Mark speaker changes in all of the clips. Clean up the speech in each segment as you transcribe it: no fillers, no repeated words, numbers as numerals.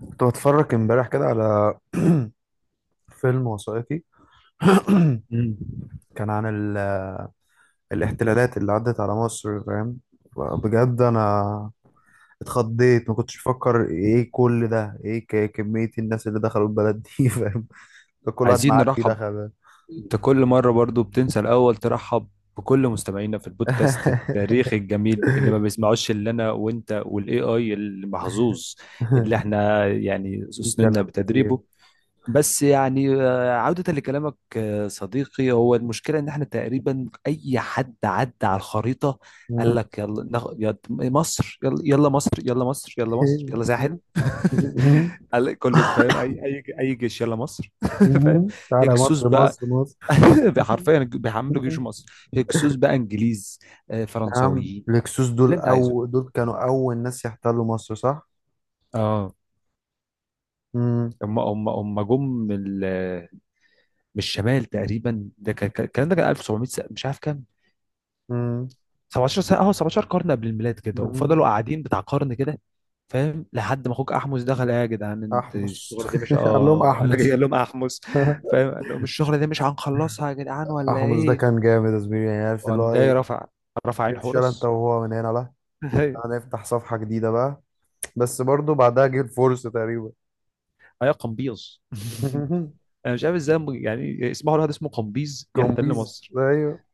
Speaker 1: كنت بتفرج امبارح كده على فيلم وثائقي.
Speaker 2: مم.
Speaker 1: كان عن ال... الاحتلالات اللي عدت على مصر، فاهم؟ بجد انا اتخضيت، ما كنتش بفكر ايه كل ده، ايه كمية الناس اللي دخلوا البلد دي؟ فاهم؟ ده كل واحد
Speaker 2: عايزين
Speaker 1: معدي
Speaker 2: نرحب،
Speaker 1: دخل.
Speaker 2: انت كل مرة برضو بتنسى الأول ترحب بكل مستمعينا في البودكاست التاريخي الجميل اللي ما بيسمعوش إلا أنا وأنت والاي اي المحظوظ اللي احنا يعني
Speaker 1: في
Speaker 2: سننا
Speaker 1: كلام كتير.
Speaker 2: بتدريبه. بس يعني عودة لكلامك، صديقي، هو المشكلة إن احنا تقريبا أي حد عدى على الخريطة قال لك يلا مصر، يلا يلا مصر، يلا مصر، يلا مصر، يلا ساحل. قال كله فاهم، اي اي اي جيش يلا مصر فاهم.
Speaker 1: تعالى
Speaker 2: هكسوس
Speaker 1: مصر،
Speaker 2: بقى
Speaker 1: مصر، مصر.
Speaker 2: حرفيا بيحملوا جيش مصر، هكسوس بقى انجليز،
Speaker 1: نعم،
Speaker 2: فرنساويين
Speaker 1: الهكسوس
Speaker 2: اللي
Speaker 1: دول
Speaker 2: انت عايزه.
Speaker 1: أو دول كانوا أول ناس يحتلوا مصر، صح؟
Speaker 2: اه،
Speaker 1: مم.
Speaker 2: هم جم من من الشمال تقريبا. ده الكلام ده كان 1700 مش عارف كام،
Speaker 1: مم.
Speaker 2: 17 سنه، اه 17 قرن قبل الميلاد كده، وفضلوا
Speaker 1: مم.
Speaker 2: قاعدين بتاع قرن كده. فاهم، لحد ما اخوك احمس دخل: إيه يا جدعان، انت
Speaker 1: احمس.
Speaker 2: الشغله دي مش،
Speaker 1: قال لهم
Speaker 2: اه انا جاي.
Speaker 1: احمس.
Speaker 2: قال لهم احمس، فاهم، قال لهم الشغله دي مش هنخلصها يا جدعان ولا
Speaker 1: احمس ده
Speaker 2: ايه.
Speaker 1: كان جامد يا زميلي، يعني عارف اللي
Speaker 2: وقام
Speaker 1: هو
Speaker 2: جاي
Speaker 1: ايه.
Speaker 2: رفع، رفع عين
Speaker 1: اتشال انت
Speaker 2: حورس
Speaker 1: وهو من هنا، لا، هنفتح صفحة جديدة بقى. بس برضو بعدها جه الفرصة تقريبا.
Speaker 2: ايوه، قمبيز انا مش عارف ازاي يعني اسمه، الواحد اسمه قمبيز يحتل
Speaker 1: كومبيز،
Speaker 2: مصر؟
Speaker 1: ايوه.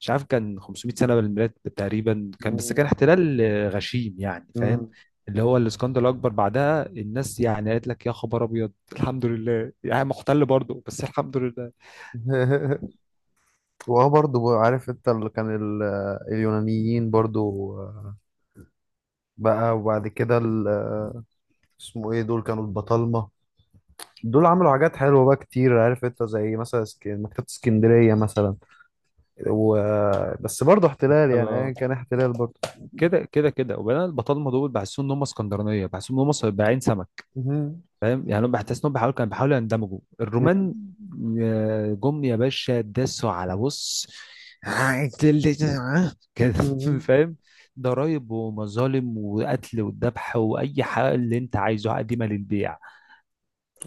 Speaker 2: مش عارف، كان 500 سنه من الميلاد تقريبا كان، بس
Speaker 1: مم.
Speaker 2: كان احتلال غشيم يعني، فاهم.
Speaker 1: مم.
Speaker 2: اللي هو الاسكندر الاكبر بعدها، الناس يعني قالت لك يا خبر ابيض، الحمد لله يعني محتل برضه بس الحمد لله.
Speaker 1: وهو برضو عارف انت اللي كان اليونانيين برضو. بقى وبعد كده اسمه ايه دول، كانوا البطالمة. دول عملوا حاجات حلوة بقى كتير، عارف انت، زي مثلا مكتبة اسكندرية مثلا. و... بس برضه احتلال،
Speaker 2: مكتبه
Speaker 1: يعني ايا كان احتلال برضه.
Speaker 2: كده كده كده، وبعدين البطالمه دول بحسهم ان هم اسكندرانيه، بحسهم ان هم صباعين سمك،
Speaker 1: مهم.
Speaker 2: فاهم يعني. هم بحس انهم بيحاولوا، كانوا بيحاولوا يندمجوا.
Speaker 1: مهم.
Speaker 2: الرومان جم يا باشا داسوا على بص كده،
Speaker 1: مهم.
Speaker 2: فاهم، ضرايب ومظالم وقتل والذبح واي حاجه اللي انت عايزه، قديمه للبيع.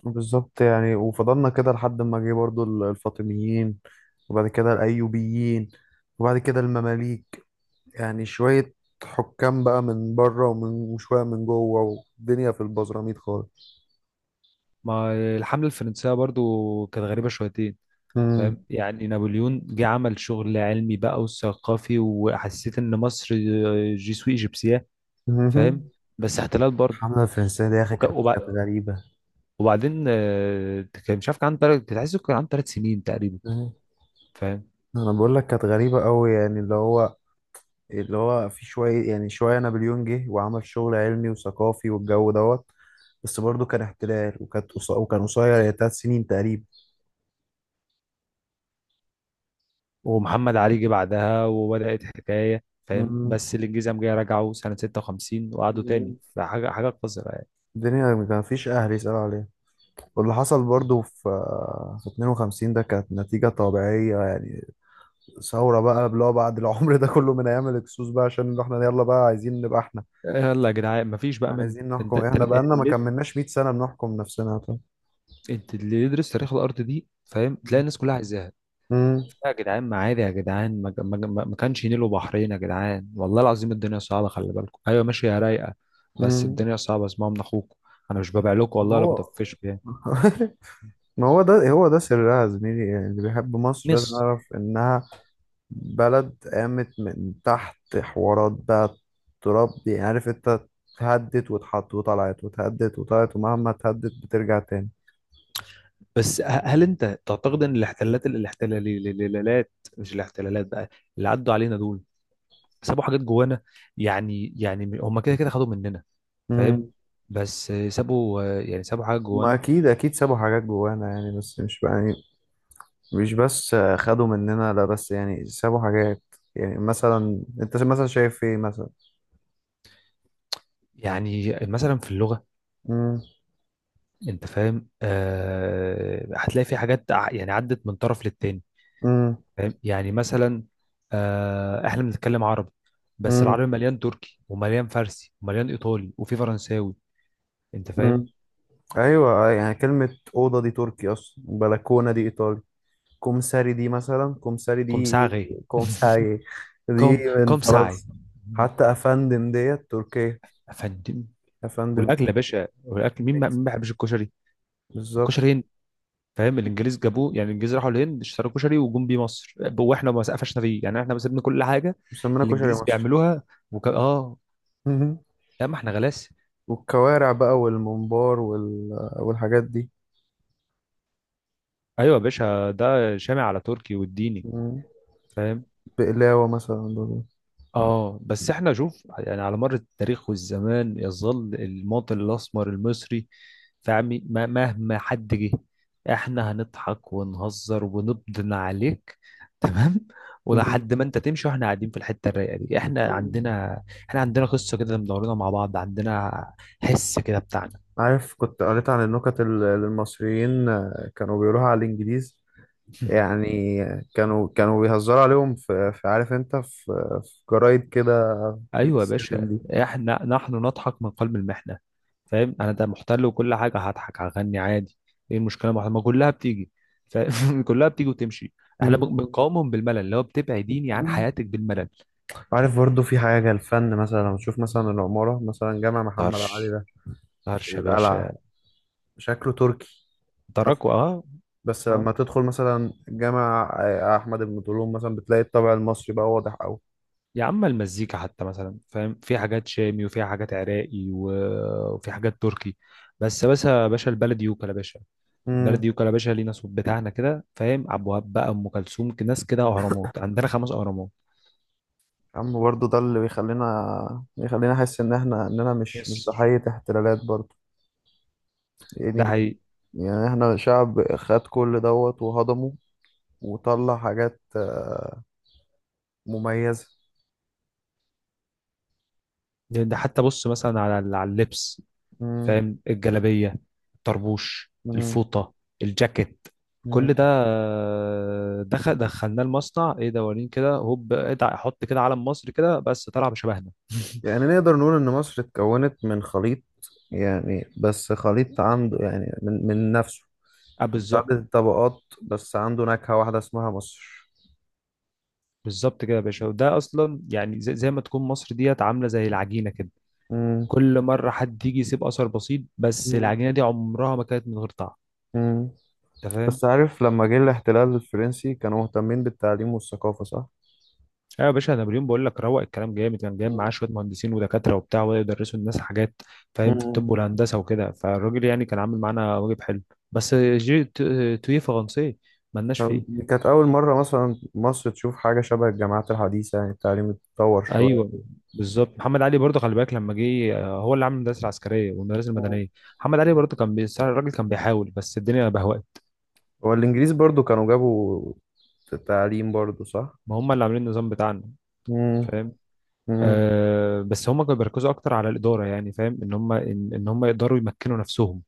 Speaker 1: بالظبط، يعني وفضلنا كده لحد ما جه برضه الفاطميين، وبعد كده الايوبيين، وبعد كده المماليك. يعني شوية حكام بقى من بره ومن، وشوية من جوه، والدنيا في البزراميط خالص.
Speaker 2: ما الحمله الفرنسيه برضو كانت غريبه شويتين،
Speaker 1: مهم.
Speaker 2: فاهم يعني، نابليون جه عمل شغل علمي بقى وثقافي، وحسيت ان مصر جي سوي ايجيبسياه، فاهم،
Speaker 1: مهم.
Speaker 2: بس احتلال
Speaker 1: الحملة الفرنسية دي يا أخي كانت
Speaker 2: برضه.
Speaker 1: غريبة.
Speaker 2: وبعدين كان، مش عارف كان عنده كنت عايزه، كان عنده ثلاث سنين تقريبا،
Speaker 1: مم.
Speaker 2: فاهم.
Speaker 1: أنا بقول لك كانت غريبة أوي، يعني اللي هو في شوية، يعني شوية نابليون جه وعمل شغل علمي وثقافي والجو دوت. بس برضه كان احتلال، وكان قصير، يعني 3 سنين تقريبا.
Speaker 2: ومحمد علي جه بعدها وبدأت حكاية، فاهم،
Speaker 1: مم.
Speaker 2: بس الانجليزي قام جاي رجعوا سنة 56 وقعدوا تاني، فحاجة حاجة قذرة يعني.
Speaker 1: الدنيا ما فيش أهل يسأل عليه. واللي حصل برضه في 52 ده كانت نتيجة طبيعية، يعني ثورة بقى، اللي هو بعد العمر ده كله من أيام الهكسوس بقى، عشان احنا يلا بقى عايزين نبقى احنا
Speaker 2: يلا يا جدعان مفيش بقى منه.
Speaker 1: عايزين
Speaker 2: انت
Speaker 1: نحكم
Speaker 2: انت
Speaker 1: احنا، بقالنا ما
Speaker 2: اللي،
Speaker 1: كملناش 100 سنة بنحكم نفسنا، طب.
Speaker 2: انت اللي يدرس تاريخ الارض دي فاهم، تلاقي الناس كلها عايزاها.
Speaker 1: مم.
Speaker 2: يا جدعان ما عادي، يا جدعان، ما كانش نيل وبحرين يا جدعان، والله العظيم الدنيا صعبة، خلي بالكم. ايوه ماشي يا رايقة. بس
Speaker 1: مم.
Speaker 2: الدنيا صعبة، اسمعوا من اخوكم، انا مش ببيع لكم والله ولا
Speaker 1: هو.
Speaker 2: بطفشكم يعني.
Speaker 1: ما هو ده هو ده سرها يا زميلي، يعني اللي بيحب مصر لازم
Speaker 2: مصر.
Speaker 1: يعرف إنها بلد قامت من تحت حوارات بقى، تراب دي، عارف أنت. اتهدت واتحط وطلعت، واتهدت وطلعت، ومهما اتهدت بترجع تاني.
Speaker 2: بس هل انت تعتقد ان الاحتلالات، الاحتلالات، مش الاحتلالات بقى، اللي عدوا علينا دول سابوا حاجات جوانا؟ يعني يعني هم كده كده خدوا مننا فاهم،
Speaker 1: مم.
Speaker 2: بس سابوا، يعني سابوا حاجات
Speaker 1: ما
Speaker 2: جوانا.
Speaker 1: أكيد أكيد سابوا حاجات جوانا، يعني بس مش بقى يعني، مش بس خدوا مننا، لا بس يعني سابوا حاجات. يعني مثلا أنت مثلا شايف إيه مثلا؟
Speaker 2: يعني مثلا في اللغة.
Speaker 1: مم.
Speaker 2: انت فاهم، آه هتلاقي في حاجات يعني عدت من طرف للتاني،
Speaker 1: مم.
Speaker 2: فاهم، يعني مثلا، آه احنا بنتكلم عربي بس
Speaker 1: مم.
Speaker 2: العربي مليان تركي ومليان فارسي ومليان ايطالي وفي فرنساوي، انت فاهم.
Speaker 1: مم. أيوة، يعني كلمة أوضة دي تركي أصلا، بلكونة دي إيطالي، كومساري دي مثلا كومساري
Speaker 2: كوم
Speaker 1: دي
Speaker 2: ساغي
Speaker 1: كومساري دي
Speaker 2: كوم
Speaker 1: من
Speaker 2: كوم ساي.
Speaker 1: فرنسا، حتى افندم ديت تركيا،
Speaker 2: يا فندم.
Speaker 1: افندم.
Speaker 2: والاكل يا باشا، والاكل مين ما مين
Speaker 1: نكس.
Speaker 2: ما بيحبش الكشري؟
Speaker 1: بالظبط،
Speaker 2: الكشري هند، فاهم، الانجليز جابوه، يعني الانجليز راحوا الهند اشتروا كشري وجم بيه مصر، واحنا ما سقفشنا فيه، يعني احنا سيبنا كل حاجه
Speaker 1: مسمينا كشري
Speaker 2: الانجليز
Speaker 1: مصر.
Speaker 2: بيعملوها. اه،
Speaker 1: مهم.
Speaker 2: لا ما احنا غلاسه.
Speaker 1: والكوارع بقى والممبار والحاجات دي.
Speaker 2: ايوه يا باشا، ده شامع على تركي والديني،
Speaker 1: مم.
Speaker 2: فاهم.
Speaker 1: بقلاوة مثلا برضه.
Speaker 2: اه، بس احنا شوف يعني، على مر التاريخ والزمان يظل المواطن الاسمر المصري، فاهمي، مهما حد جه احنا هنضحك ونهزر ونبدن عليك، تمام؟
Speaker 1: مم.
Speaker 2: ولحد ما انت تمشي واحنا قاعدين في الحته الرايقه دي. احنا عندنا قصه كده مدورينها مع بعض، عندنا حس كده بتاعنا
Speaker 1: عارف، كنت قريت عن النكت اللي المصريين كانوا بيقولوها على الإنجليز. يعني كانوا بيهزروا عليهم في عارف انت في جرايد كده
Speaker 2: ايوه يا باشا،
Speaker 1: بتتسلم
Speaker 2: احنا نحن نضحك من قلب المحنه، فاهم، انا ده محتل وكل حاجه، هضحك هغني عادي، ايه المشكله؟ ما كلها بتيجي، فاهم كلها بتيجي وتمشي. احنا
Speaker 1: دي.
Speaker 2: بنقاومهم بالملل، اللي هو بتبعديني عن
Speaker 1: مهم.
Speaker 2: حياتك بالملل.
Speaker 1: عارف برضو في حاجة، الفن مثلا، لما تشوف مثلا العمارة مثلا جامع محمد علي
Speaker 2: طرش،
Speaker 1: ده في
Speaker 2: طرش يا
Speaker 1: القلعة،
Speaker 2: باشا،
Speaker 1: شكله تركي. أصلاً.
Speaker 2: دركوا اه.
Speaker 1: بس
Speaker 2: اه
Speaker 1: لما تدخل مثلا جامع أحمد بن طولون مثلا، بتلاقي الطابع المصري بقى واضح أوي.
Speaker 2: يا عم المزيكا حتى مثلا، فاهم، في حاجات شامي وفي حاجات عراقي وفي حاجات تركي. بس يا باشا، البلد يوكل يا باشا،
Speaker 1: امم.
Speaker 2: بردي وكلباشا، لينا صوت بتاعنا كده فاهم، عبد الوهاب بقى، ام كلثوم، ناس كده، اهرامات عندنا خمس اهرامات.
Speaker 1: يا عم برضو ده اللي بيخلينا أحس إن إحنا إننا مش
Speaker 2: يس،
Speaker 1: ضحية احتلالات، برضو
Speaker 2: ده
Speaker 1: يعني
Speaker 2: حقيقي.
Speaker 1: يعني إحنا شعب خد كل دوت وهضمه، وطلع حاجات مميزة.
Speaker 2: ده حتى بص مثلا على، على اللبس،
Speaker 1: امم.
Speaker 2: فاهم، الجلابيه، الطربوش، الفوطه، الجاكيت، كل ده دخل، دخلناه المصنع، ايه دورين كده هوب ادع حط كده علم مصر كده، بس طلع بشبهنا
Speaker 1: يعني نقدر نقول إن مصر اتكونت من خليط، يعني بس خليط عنده يعني من نفسه،
Speaker 2: اه
Speaker 1: متعدد
Speaker 2: بالظبط.
Speaker 1: الطبقات، بس عنده نكهة واحدة اسمها مصر.
Speaker 2: بالظبط كده يا باشا، وده اصلا يعني زي ما تكون مصر ديت عامله زي العجينه كده،
Speaker 1: مم.
Speaker 2: كل مره حد يجي يسيب اثر بسيط، بس
Speaker 1: مم.
Speaker 2: العجينه دي عمرها ما كانت من غير طعم،
Speaker 1: مم.
Speaker 2: انت فاهم.
Speaker 1: بس عارف لما جه الاحتلال الفرنسي كانوا مهتمين بالتعليم والثقافة، صح؟
Speaker 2: ايوه يا باشا، نابليون، بقول لك روق، الكلام جامد، كان جايب
Speaker 1: مم.
Speaker 2: معاه شويه مهندسين ودكاتره وبتاع، وبداوا يدرسوا الناس حاجات، فاهم، في
Speaker 1: مم.
Speaker 2: الطب والهندسه وكده، فالراجل يعني كان عامل معانا واجب حلو، بس جي تويه فرنسي، مالناش فيه.
Speaker 1: دي كانت أول مرة مثلا مصر تشوف حاجة شبه الجامعات الحديثة، يعني التعليم اتطور شوية.
Speaker 2: ايوه بالظبط، محمد علي برضه خلي بالك لما جه، هو اللي عامل المدارس العسكريه والمدارس
Speaker 1: مم.
Speaker 2: المدنيه. محمد علي برضه كان بيساعد، الراجل كان بيحاول، بس الدنيا بهوأت.
Speaker 1: والإنجليز برضو كانوا جابوا التعليم برضو، صح؟
Speaker 2: ما هم اللي عاملين النظام بتاعنا،
Speaker 1: مم.
Speaker 2: فاهم.
Speaker 1: مم.
Speaker 2: آه بس هم كانوا بيركزوا اكتر على الاداره، يعني فاهم، ان هم إن هم يقدروا يمكنوا نفسهم،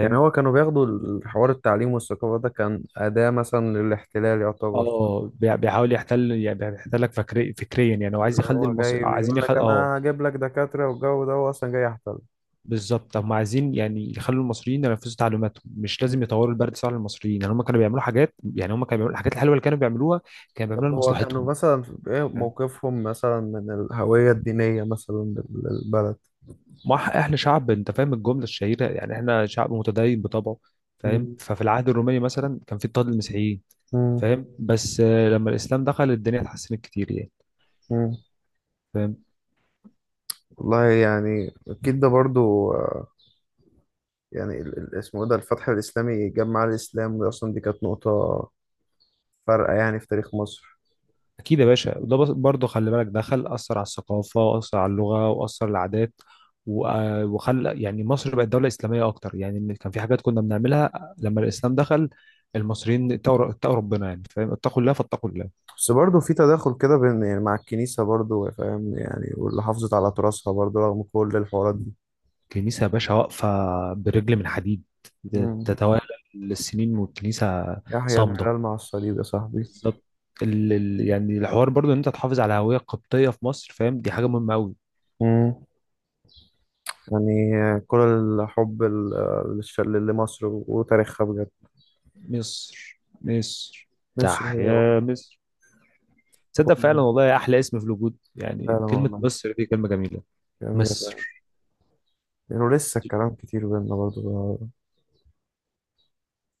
Speaker 1: يعني هو كانوا بياخدوا الحوار، التعليم والثقافة ده كان أداة مثلا للاحتلال، يعتبر
Speaker 2: اه بيحاول يحتل يعني، بيحتلك فكري، فكريا يعني، هو عايز
Speaker 1: اللي
Speaker 2: يخلي
Speaker 1: هو
Speaker 2: المصري،
Speaker 1: جاي
Speaker 2: عايزين
Speaker 1: بيقول لك
Speaker 2: اه.
Speaker 1: أنا هجيب لك دكاترة والجو ده، هو أصلا جاي يحتل.
Speaker 2: بالظبط، هم عايزين يعني يخلوا المصريين ينفذوا تعليماتهم، مش
Speaker 1: مم.
Speaker 2: لازم يطوروا البرد الصعب للمصريين. يعني هم كانوا بيعملوا حاجات، يعني هم كانوا بيعملوا الحاجات الحلوه اللي كانوا بيعملوها، كانوا بيعملوها
Speaker 1: طب هو كانوا
Speaker 2: لمصلحتهم،
Speaker 1: مثلا إيه
Speaker 2: فاهم؟
Speaker 1: موقفهم مثلا من الهوية الدينية مثلا للبلد؟
Speaker 2: ما احنا شعب، انت فاهم الجمله الشهيره، يعني احنا شعب متدين بطبعه، فاهم.
Speaker 1: مم.
Speaker 2: ففي العهد الروماني مثلا كان في اضطهاد للمسيحيين،
Speaker 1: مم.
Speaker 2: فاهم، بس لما الاسلام دخل الدنيا اتحسنت كتير يعني،
Speaker 1: مم.
Speaker 2: فاهم.
Speaker 1: والله يعني أكيد ده برضو يعني اسمه إيه ده، الفتح الإسلامي، جمع الإسلام دي أصلا دي كانت نقطة فارقة يعني في تاريخ مصر.
Speaker 2: اكيد يا باشا، وده برضه خلي بالك، دخل اثر على الثقافه، واثر على اللغه، واثر على العادات، وخلى يعني مصر بقت دوله اسلاميه اكتر، يعني إن كان في حاجات كنا بنعملها. لما الاسلام دخل، المصريين اتقوا ربنا يعني، فاهم، اتقوا الله فاتقوا الله.
Speaker 1: بس برضه في تداخل كده بين، يعني مع الكنيسة برضه، فاهم يعني، واللي حافظت على تراثها برضه رغم كل الحوارات دي.
Speaker 2: الكنيسه يا باشا واقفه برجل من حديد،
Speaker 1: مم.
Speaker 2: تتوالى السنين والكنيسه
Speaker 1: يحيى
Speaker 2: صامده.
Speaker 1: الهلال مع الصليب يا صاحبي.
Speaker 2: بالظبط، يعني الحوار برضو ان انت تحافظ على هويه قبطيه في مصر، فاهم، دي حاجه مهمه قوي.
Speaker 1: مم. يعني كل الحب لمصر وتاريخها بجد.
Speaker 2: مصر، مصر.
Speaker 1: مصر
Speaker 2: تح
Speaker 1: هي،
Speaker 2: يا مصر. تصدق فعلا،
Speaker 1: أم-
Speaker 2: والله احلى اسم في الوجود يعني،
Speaker 1: فعلا
Speaker 2: كلمة
Speaker 1: والله،
Speaker 2: مصر دي كلمة جميلة.
Speaker 1: جميلة فعلا.
Speaker 2: مصر.
Speaker 1: يعني ولسه الكلام كتير بينا برضه.